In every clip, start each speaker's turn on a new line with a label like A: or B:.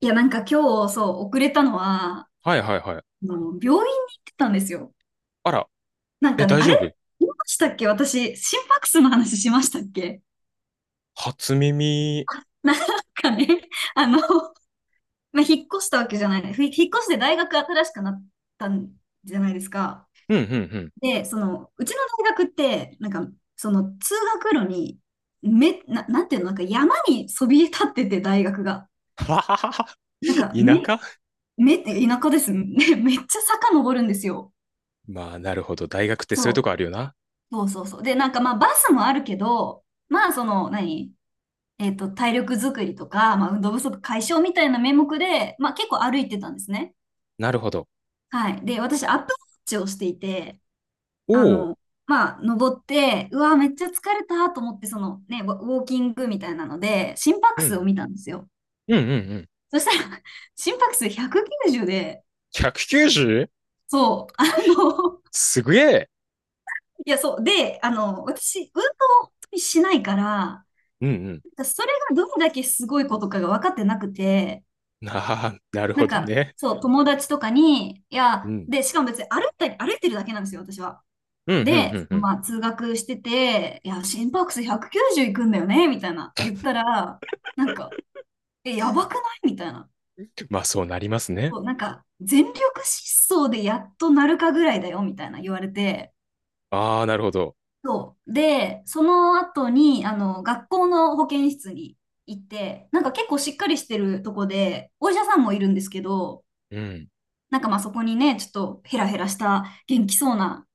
A: いや、なんか今日、そう、遅れたのは、
B: はいはいはい。
A: 病院に行ってたんですよ。
B: あら、
A: なん
B: え、
A: かね、
B: 大
A: あ
B: 丈夫？
A: れ言いましたっけ私、心拍数の話しましたっけ？
B: 初耳。
A: なんかね、あの、まあ、引っ越したわけじゃない。引っ越して大学新しくなったんじゃないですか。
B: うんうんうん。
A: で、うちの大学って、なんか、通学路に、なんていうの、なんか山にそびえ立ってて、大学が。
B: はははは。
A: なんか、
B: 田舎。
A: 田舎です。めっちゃ坂登るんですよ。
B: まあ、なるほど。大学ってそういうとこ
A: そう。
B: あるよな。
A: そうそうそう。で、なんかまあバスもあるけど、まあ体力づくりとか、まあ運動不足解消みたいな名目で、まあ結構歩いてたんですね。
B: なるほど。
A: はい。で、私、アップウォッチをしていて、あ
B: おお。
A: の、まあ登って、うわ、めっちゃ疲れたと思って、そのね、ウォーキングみたいなので、心
B: う
A: 拍数
B: ん。
A: を見たんですよ。
B: うんうんうん。
A: そしたら、心拍数190で、
B: 190？
A: そう、
B: すげえ。
A: いや、そう。で、私、運動を本当にしないから、
B: うん
A: それがどれだけすごいことかが分かってなくて、
B: うん。ああ、なる
A: な
B: ほ
A: ん
B: ど
A: か、
B: ね。
A: そう、友達とかに、い
B: う
A: や、
B: ん。
A: で、しかも別に歩いたり、歩いてるだけなんですよ、私は。
B: うんうんう
A: で、
B: んうん。
A: まあ、通学してて、いや、心拍数190いくんだよね、みたいな、言ったら、なんか、え、やばくないみたいな。
B: まあ、そうなりますね。
A: そう、なんか、全力疾走でやっとなるかぐらいだよ、みたいな言われて、
B: ああ、なるほど。
A: そう。で、その後に、学校の保健室に行って、なんか結構しっかりしてるとこで、お医者さんもいるんですけど、
B: うん。
A: なんかまあそこにね、ちょっとヘラヘラした元気そうな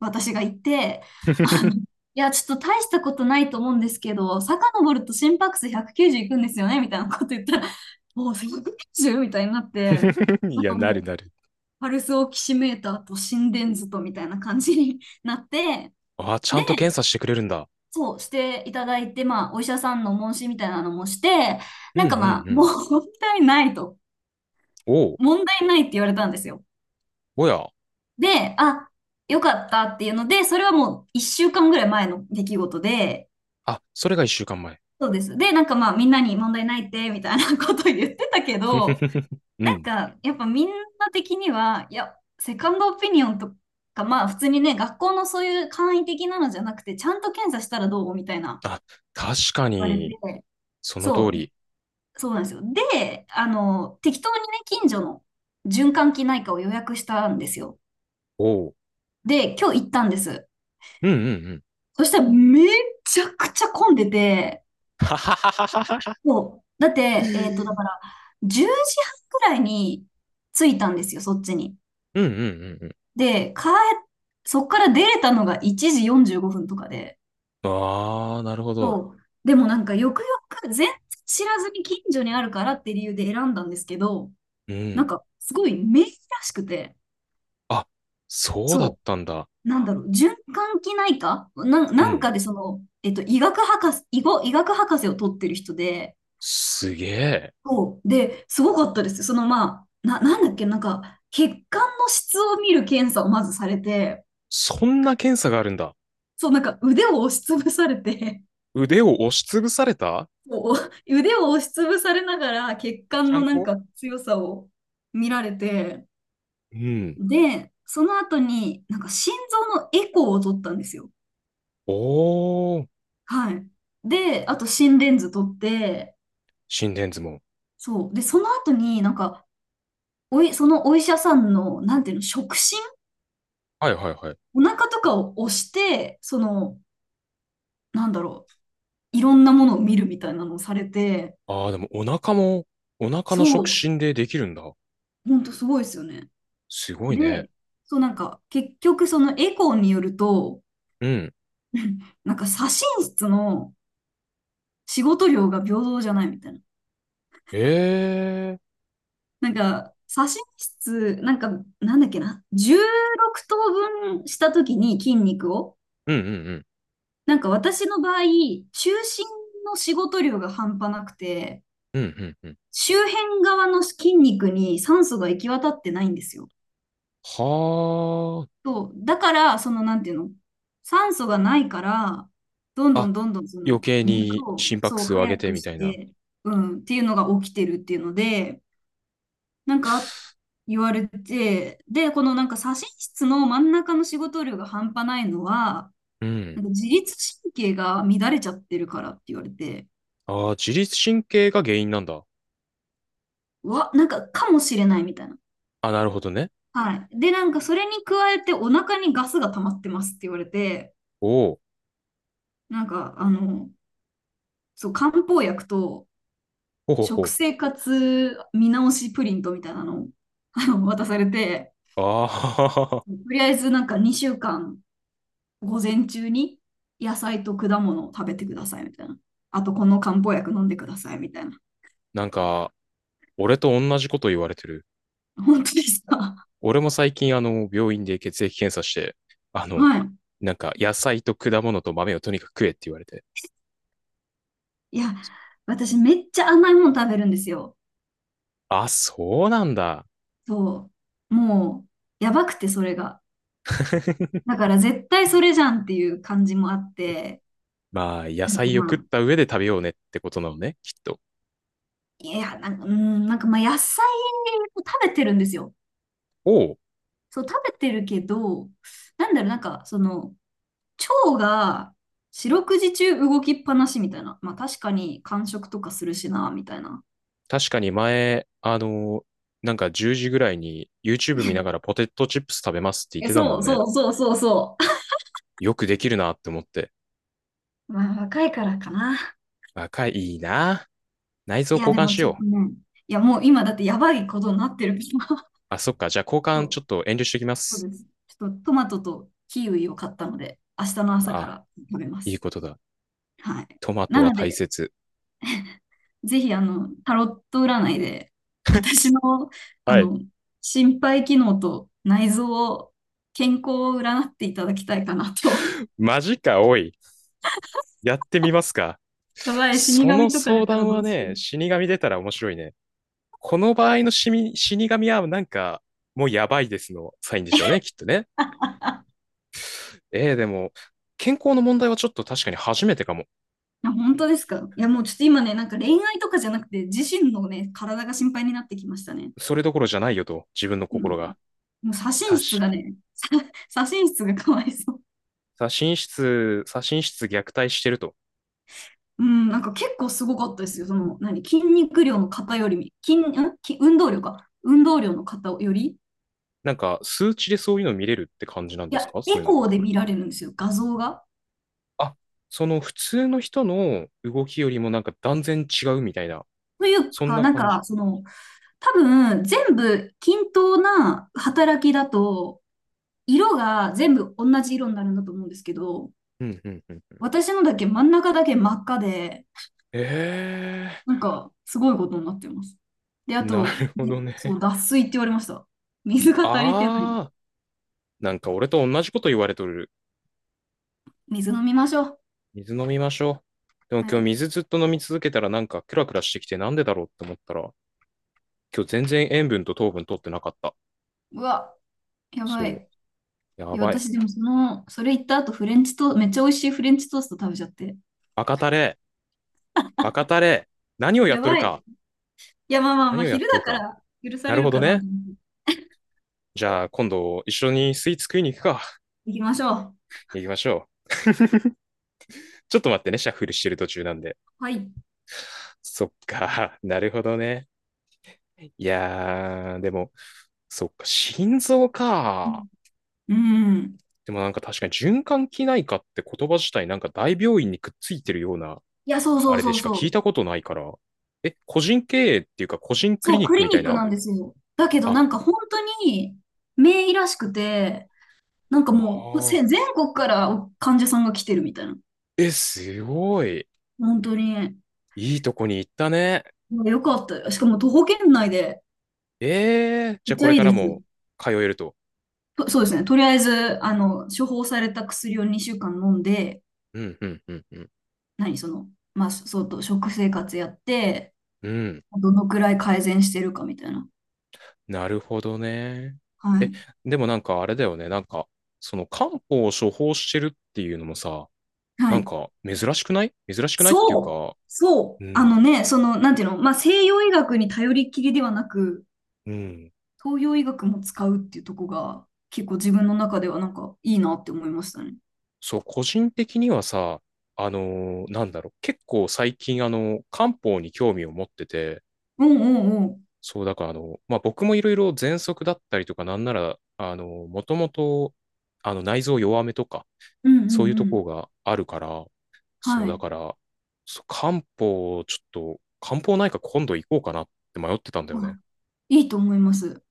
A: 私がいて、い や、ちょっと大したことないと思うんですけど、遡ると心拍数190いくんですよね、みたいなこと言ったら、おお、190？ みたいになって、
B: い
A: なん
B: や、
A: か
B: なる
A: もう、
B: なる。
A: パルスオキシメーターと心電図とみたいな感じになって、
B: ああ、ちゃんと検査してくれるんだ。
A: そう、していただいて、まあ、お医者さんの問診みたいなのもして、
B: うん
A: な
B: う
A: んかま
B: ん
A: あ、
B: う
A: もう
B: ん。
A: 問題ないと。
B: おお。
A: 問題ないって言われたんですよ。
B: おや。
A: で、あ、よかったっていうので、それはもう1週間ぐらい前の出来事で、
B: あ、それが一週間前。
A: そうです。で、なんかまあ、みんなに問題ないって、みたいなこと言ってたけど、
B: う
A: なん
B: ん。
A: か、やっぱみんな的には、いや、セカンドオピニオンとか、まあ、普通にね、学校のそういう簡易的なのじゃなくて、ちゃんと検査したらどうみたいな
B: あ、確か
A: 言われ
B: に、
A: て、
B: その通
A: そう。
B: り。
A: そうなんですよ。で、適当にね、近所の循環器内科を予約したんですよ。
B: おう。
A: で、今日行ったんです。
B: うんうんうん。
A: そしたらめちゃくちゃ混んでて、
B: はははははは。
A: もう、だって、だから、10時半くらいに着いたんですよ、そっちに。
B: うんうんうん
A: で、そっから出れたのが1時45分とかで、
B: うん。ああ、なるほど。
A: そう。でもなんか、よくよく全然知らずに近所にあるからって理由で選んだんですけど、
B: う
A: なん
B: ん。
A: か、すごい名医らしくて、
B: あ、そうだっ
A: そ
B: たんだ。
A: う。なんだろう、循環器内科
B: う
A: なん
B: ん。
A: かでその、医学博士、医学博士を取ってる人で、
B: すげえ。
A: そう。で、すごかったです。その、まあ、なんだっけ、なんか、血管の質を見る検査をまずされて、
B: そんな検査があるんだ。
A: そう、なんか腕を押しつぶされて、
B: 腕を押しつぶされた？
A: こう、腕を押しつぶされながら血
B: ち
A: 管
B: ゃ
A: の
B: ん
A: なん
B: こ、
A: か強さを見られて、
B: うん。
A: で、その後に、なんか心臓のエコーを取ったんですよ。
B: おー。
A: はい。で、あと心電図取って、
B: 心電図も。
A: そう。で、その後になんか、おい、そのお医者さんの、なんていうの、触診
B: はいはいはい。
A: お腹とかを押して、その、なんだろう、いろんなものを見るみたいなのをされて、
B: ああ、でもお腹も、お腹の触
A: そう、
B: 診でできるんだ。
A: ほんとすごいですよね。
B: すごいね。
A: で、そうなんか、結局そのエコーによると、
B: うん。
A: なんか左心室の仕事量が平等じゃないみたいな。
B: ええ。
A: なんか、左心室、なんか、なんだっけな、16等分したときに筋肉を、
B: うんうん
A: なんか私の場合、中心の仕事量が半端なくて、
B: うんうんうん。
A: 周辺側の筋肉に酸素が行き渡ってないんですよ。
B: は
A: そう、だから、その、なんていうの、酸素がないから、どん
B: あ。
A: ど
B: あ、
A: んどんどんそ
B: 余
A: の
B: 計に
A: 肉を、
B: 心拍
A: そう、
B: 数を上げ
A: 早
B: て
A: く
B: みた
A: し
B: いな。
A: て、うん、っていうのが起きてるっていうので、なんか言われて、で、このなんか左心室の真ん中の仕事量が半端ないのは、
B: う
A: な
B: ん。
A: んか自律神経が乱れちゃってるからって言われて、
B: ああ、自律神経が原因なんだ。
A: わ、なんか、かもしれないみたいな。
B: あ、なるほどね。
A: はい。で、なんか、それに加えて、お腹にガスが溜まってますって言われて、
B: お
A: なんか、そう、漢方薬と、
B: お、ほほ
A: 食
B: ほ。
A: 生活見直しプリントみたいなのを、渡されて、
B: あ
A: と
B: あ、
A: りあえず、なんか、2週間、午前中に、野菜と果物を食べてください、みたいな。あと、この漢方薬飲んでください、みたいな。
B: なんか、俺と同じこと言われてる。
A: 本当ですか？
B: 俺も最近、病院で血液検査して、あ の、
A: はい。
B: なんか、野菜と果物と豆をとにかく食えって言われて。
A: いや、私、めっちゃ甘いもの食べるんですよ。
B: あ、そうなんだ。
A: そう。もう、やばくて、それが。だから、絶対それじゃんっていう感じもあって、
B: まあ、野
A: なん
B: 菜
A: か
B: を
A: ま
B: 食っ
A: あ、
B: た上で食べようねってことなのね、きっと。
A: いや、なんか、うん、なんかまあ、野菜を食べてるんですよ。
B: おお、
A: そう、食べてるけど、なんだろう、なんか、その、腸が四六時中動きっぱなしみたいな。まあ、確かに、間食とかするしな、みたいな。
B: 確かに前、なんか10時ぐらいに YouTube 見ながら ポテトチップス食べますって言っ
A: え、
B: てたも
A: そ
B: ん
A: う
B: ね。
A: そうそうそうそ
B: よくできるなって思って。
A: う。まあ、若いからかな。
B: 若い、いいな。内臓
A: いや、
B: 交
A: で
B: 換
A: も
B: し
A: ちょっと
B: よう。
A: ね、いや、もう今だってやばいことになってるから。
B: あ、そっか。じゃあ交
A: そ
B: 換ちょ
A: う
B: っと遠慮してきま
A: そ
B: す。
A: うです。ちょっとトマトとキウイを買ったので、明日の朝か
B: あ、
A: ら食べま
B: いい
A: す。
B: ことだ。
A: はい。
B: トマト
A: な
B: は
A: の
B: 大
A: で、
B: 切。
A: ぜひ、タロット占いで、私の、あ
B: はい。
A: の、心肺機能と内臓を、健康を占っていただきたいかなと。
B: マジか、おい。やってみますか。
A: やばい、死
B: その
A: 神とか出
B: 相
A: たら
B: 談
A: ど
B: は
A: うしよ
B: ね、
A: う。い
B: 死神出たら面白いね。この場合の死神はなんか、もうやばいですのサインでしょうね、きっとね。ええ、でも、健康の問題はちょっと確かに初めてかも。
A: や本当ですか？いや、もうちょっと今ね、なんか恋愛とかじゃなくて、自身のね、体が心配になってきましたね。
B: それどころじゃないよと、自分の
A: うん。
B: 心が。
A: もう左心
B: 確
A: 室が
B: かに。
A: ね、左心室がかわいそう。
B: 左心室、左心室虐待してると。
A: うん、なんか結構すごかったですよ。その、何、筋肉量の方よりみ、筋、んき運動量か。運動量の方より、
B: なんか、数値でそういうの見れるって感じなん
A: い
B: です
A: や、
B: か、そ
A: エ
B: ういうの。
A: コーで見られるんですよ、画像が。
B: あ、その普通の人の動きよりもなんか断然違うみたいな、
A: という
B: そん
A: か、
B: な
A: なん
B: 感
A: か、
B: じ。
A: その、多分、全部均等な働きだと、色が全部同じ色になるんだと思うんですけど、
B: うんうんうん。
A: 私のだけ真ん中だけ真っ赤で、な
B: え
A: んか、すごいことになってます。で、
B: え、
A: あ
B: な
A: と、
B: るほ
A: ね
B: ど
A: そ
B: ね。
A: う、脱水って言われました。水が足りてない。
B: ああ、なんか俺と同じこと言われとる。
A: 水飲みましょう。
B: 水飲みましょう。でも
A: は
B: 今日
A: い。
B: 水ずっと飲み続けたらなんかクラクラしてきてなんでだろうって思ったら、今日全然塩分と糖分取ってなかった。
A: うわ。やば
B: そう。
A: い。
B: や
A: いや、
B: ばい。
A: 私でもその、それ言った後、フレンチトー、めっちゃ美味しいフレンチトースト食べちゃって。
B: バカタレ。バカタレ。何をやっ
A: や
B: とる
A: ばい。
B: か。
A: いや、まあまあまあ、
B: 何をやっ
A: 昼
B: てる
A: だか
B: か。
A: ら許さ
B: な
A: れ
B: る
A: る
B: ほど
A: かな
B: ね。
A: と思って。
B: じゃあ今度一緒にスイーツ食いに行くか。
A: 行きましょう。
B: 行きましょう。ちょっと待ってね、シャッフルしてる途中なんで。
A: はい。
B: そっか。なるほどね。いやー、でも、そっか、心臓か。
A: うん。
B: でもなんか確かに循環器内科って言葉自体なんか大病院にくっついてるような
A: いや、そう
B: あ
A: そう
B: れで
A: そう
B: しか
A: そ
B: 聞い
A: う。
B: たことないから。え、個人経営っていうか、個人クリ
A: そう、
B: ニッ
A: ク
B: ク
A: リ
B: みたい
A: ニック
B: な。
A: なんですよ。だけど、
B: あ、
A: なんか本当に、名医らしくて、なんか
B: あ
A: もう、
B: ー、
A: 全国から患者さんが来てるみたいな。
B: え、すごい。
A: 本当に。
B: いいとこに行ったね。
A: よかったよ。しかも徒歩圏内で、
B: えー、じ
A: め
B: ゃ
A: っ
B: あ
A: ち
B: こ
A: ゃ
B: れ
A: いい
B: か
A: で
B: ら
A: す。
B: も通えると。
A: とそうですね。とりあえず、処方された薬を2週間飲んで、
B: うん、うん、うん、うん。
A: 何、その、まあ、そうと、食生活やって、
B: うん、
A: どのくらい改善してるかみたいな。
B: なるほどね。
A: は
B: え、
A: い。
B: でもなんかあれだよね。なんか、その漢方を処方してるっていうのもさ、
A: は
B: なん
A: い。
B: か珍しくないっていう
A: そう。
B: か、
A: そう。
B: う
A: あ
B: ん、
A: のね、その、なんていうの、まあ、西洋医学に頼りきりではなく、
B: うん。
A: 東洋医学も使うっていうとこが、結構自分の中ではなんかいいなって思いましたね。
B: そう、個人的にはさ、あのなんだろう、結構最近、漢方に興味を持ってて、
A: うんうんうん。
B: そう、だから、まあ、僕もいろいろ喘息だったりとか、なんなら、もともと、内臓弱めとか、
A: うんう
B: そうい
A: ん
B: う
A: う
B: とこ
A: ん。
B: があるから、そ
A: は
B: う、だ
A: い。
B: から、そう漢方、ちょっと、漢方内科今度行こうかなって迷ってたんだよね。
A: あ、いいと思います。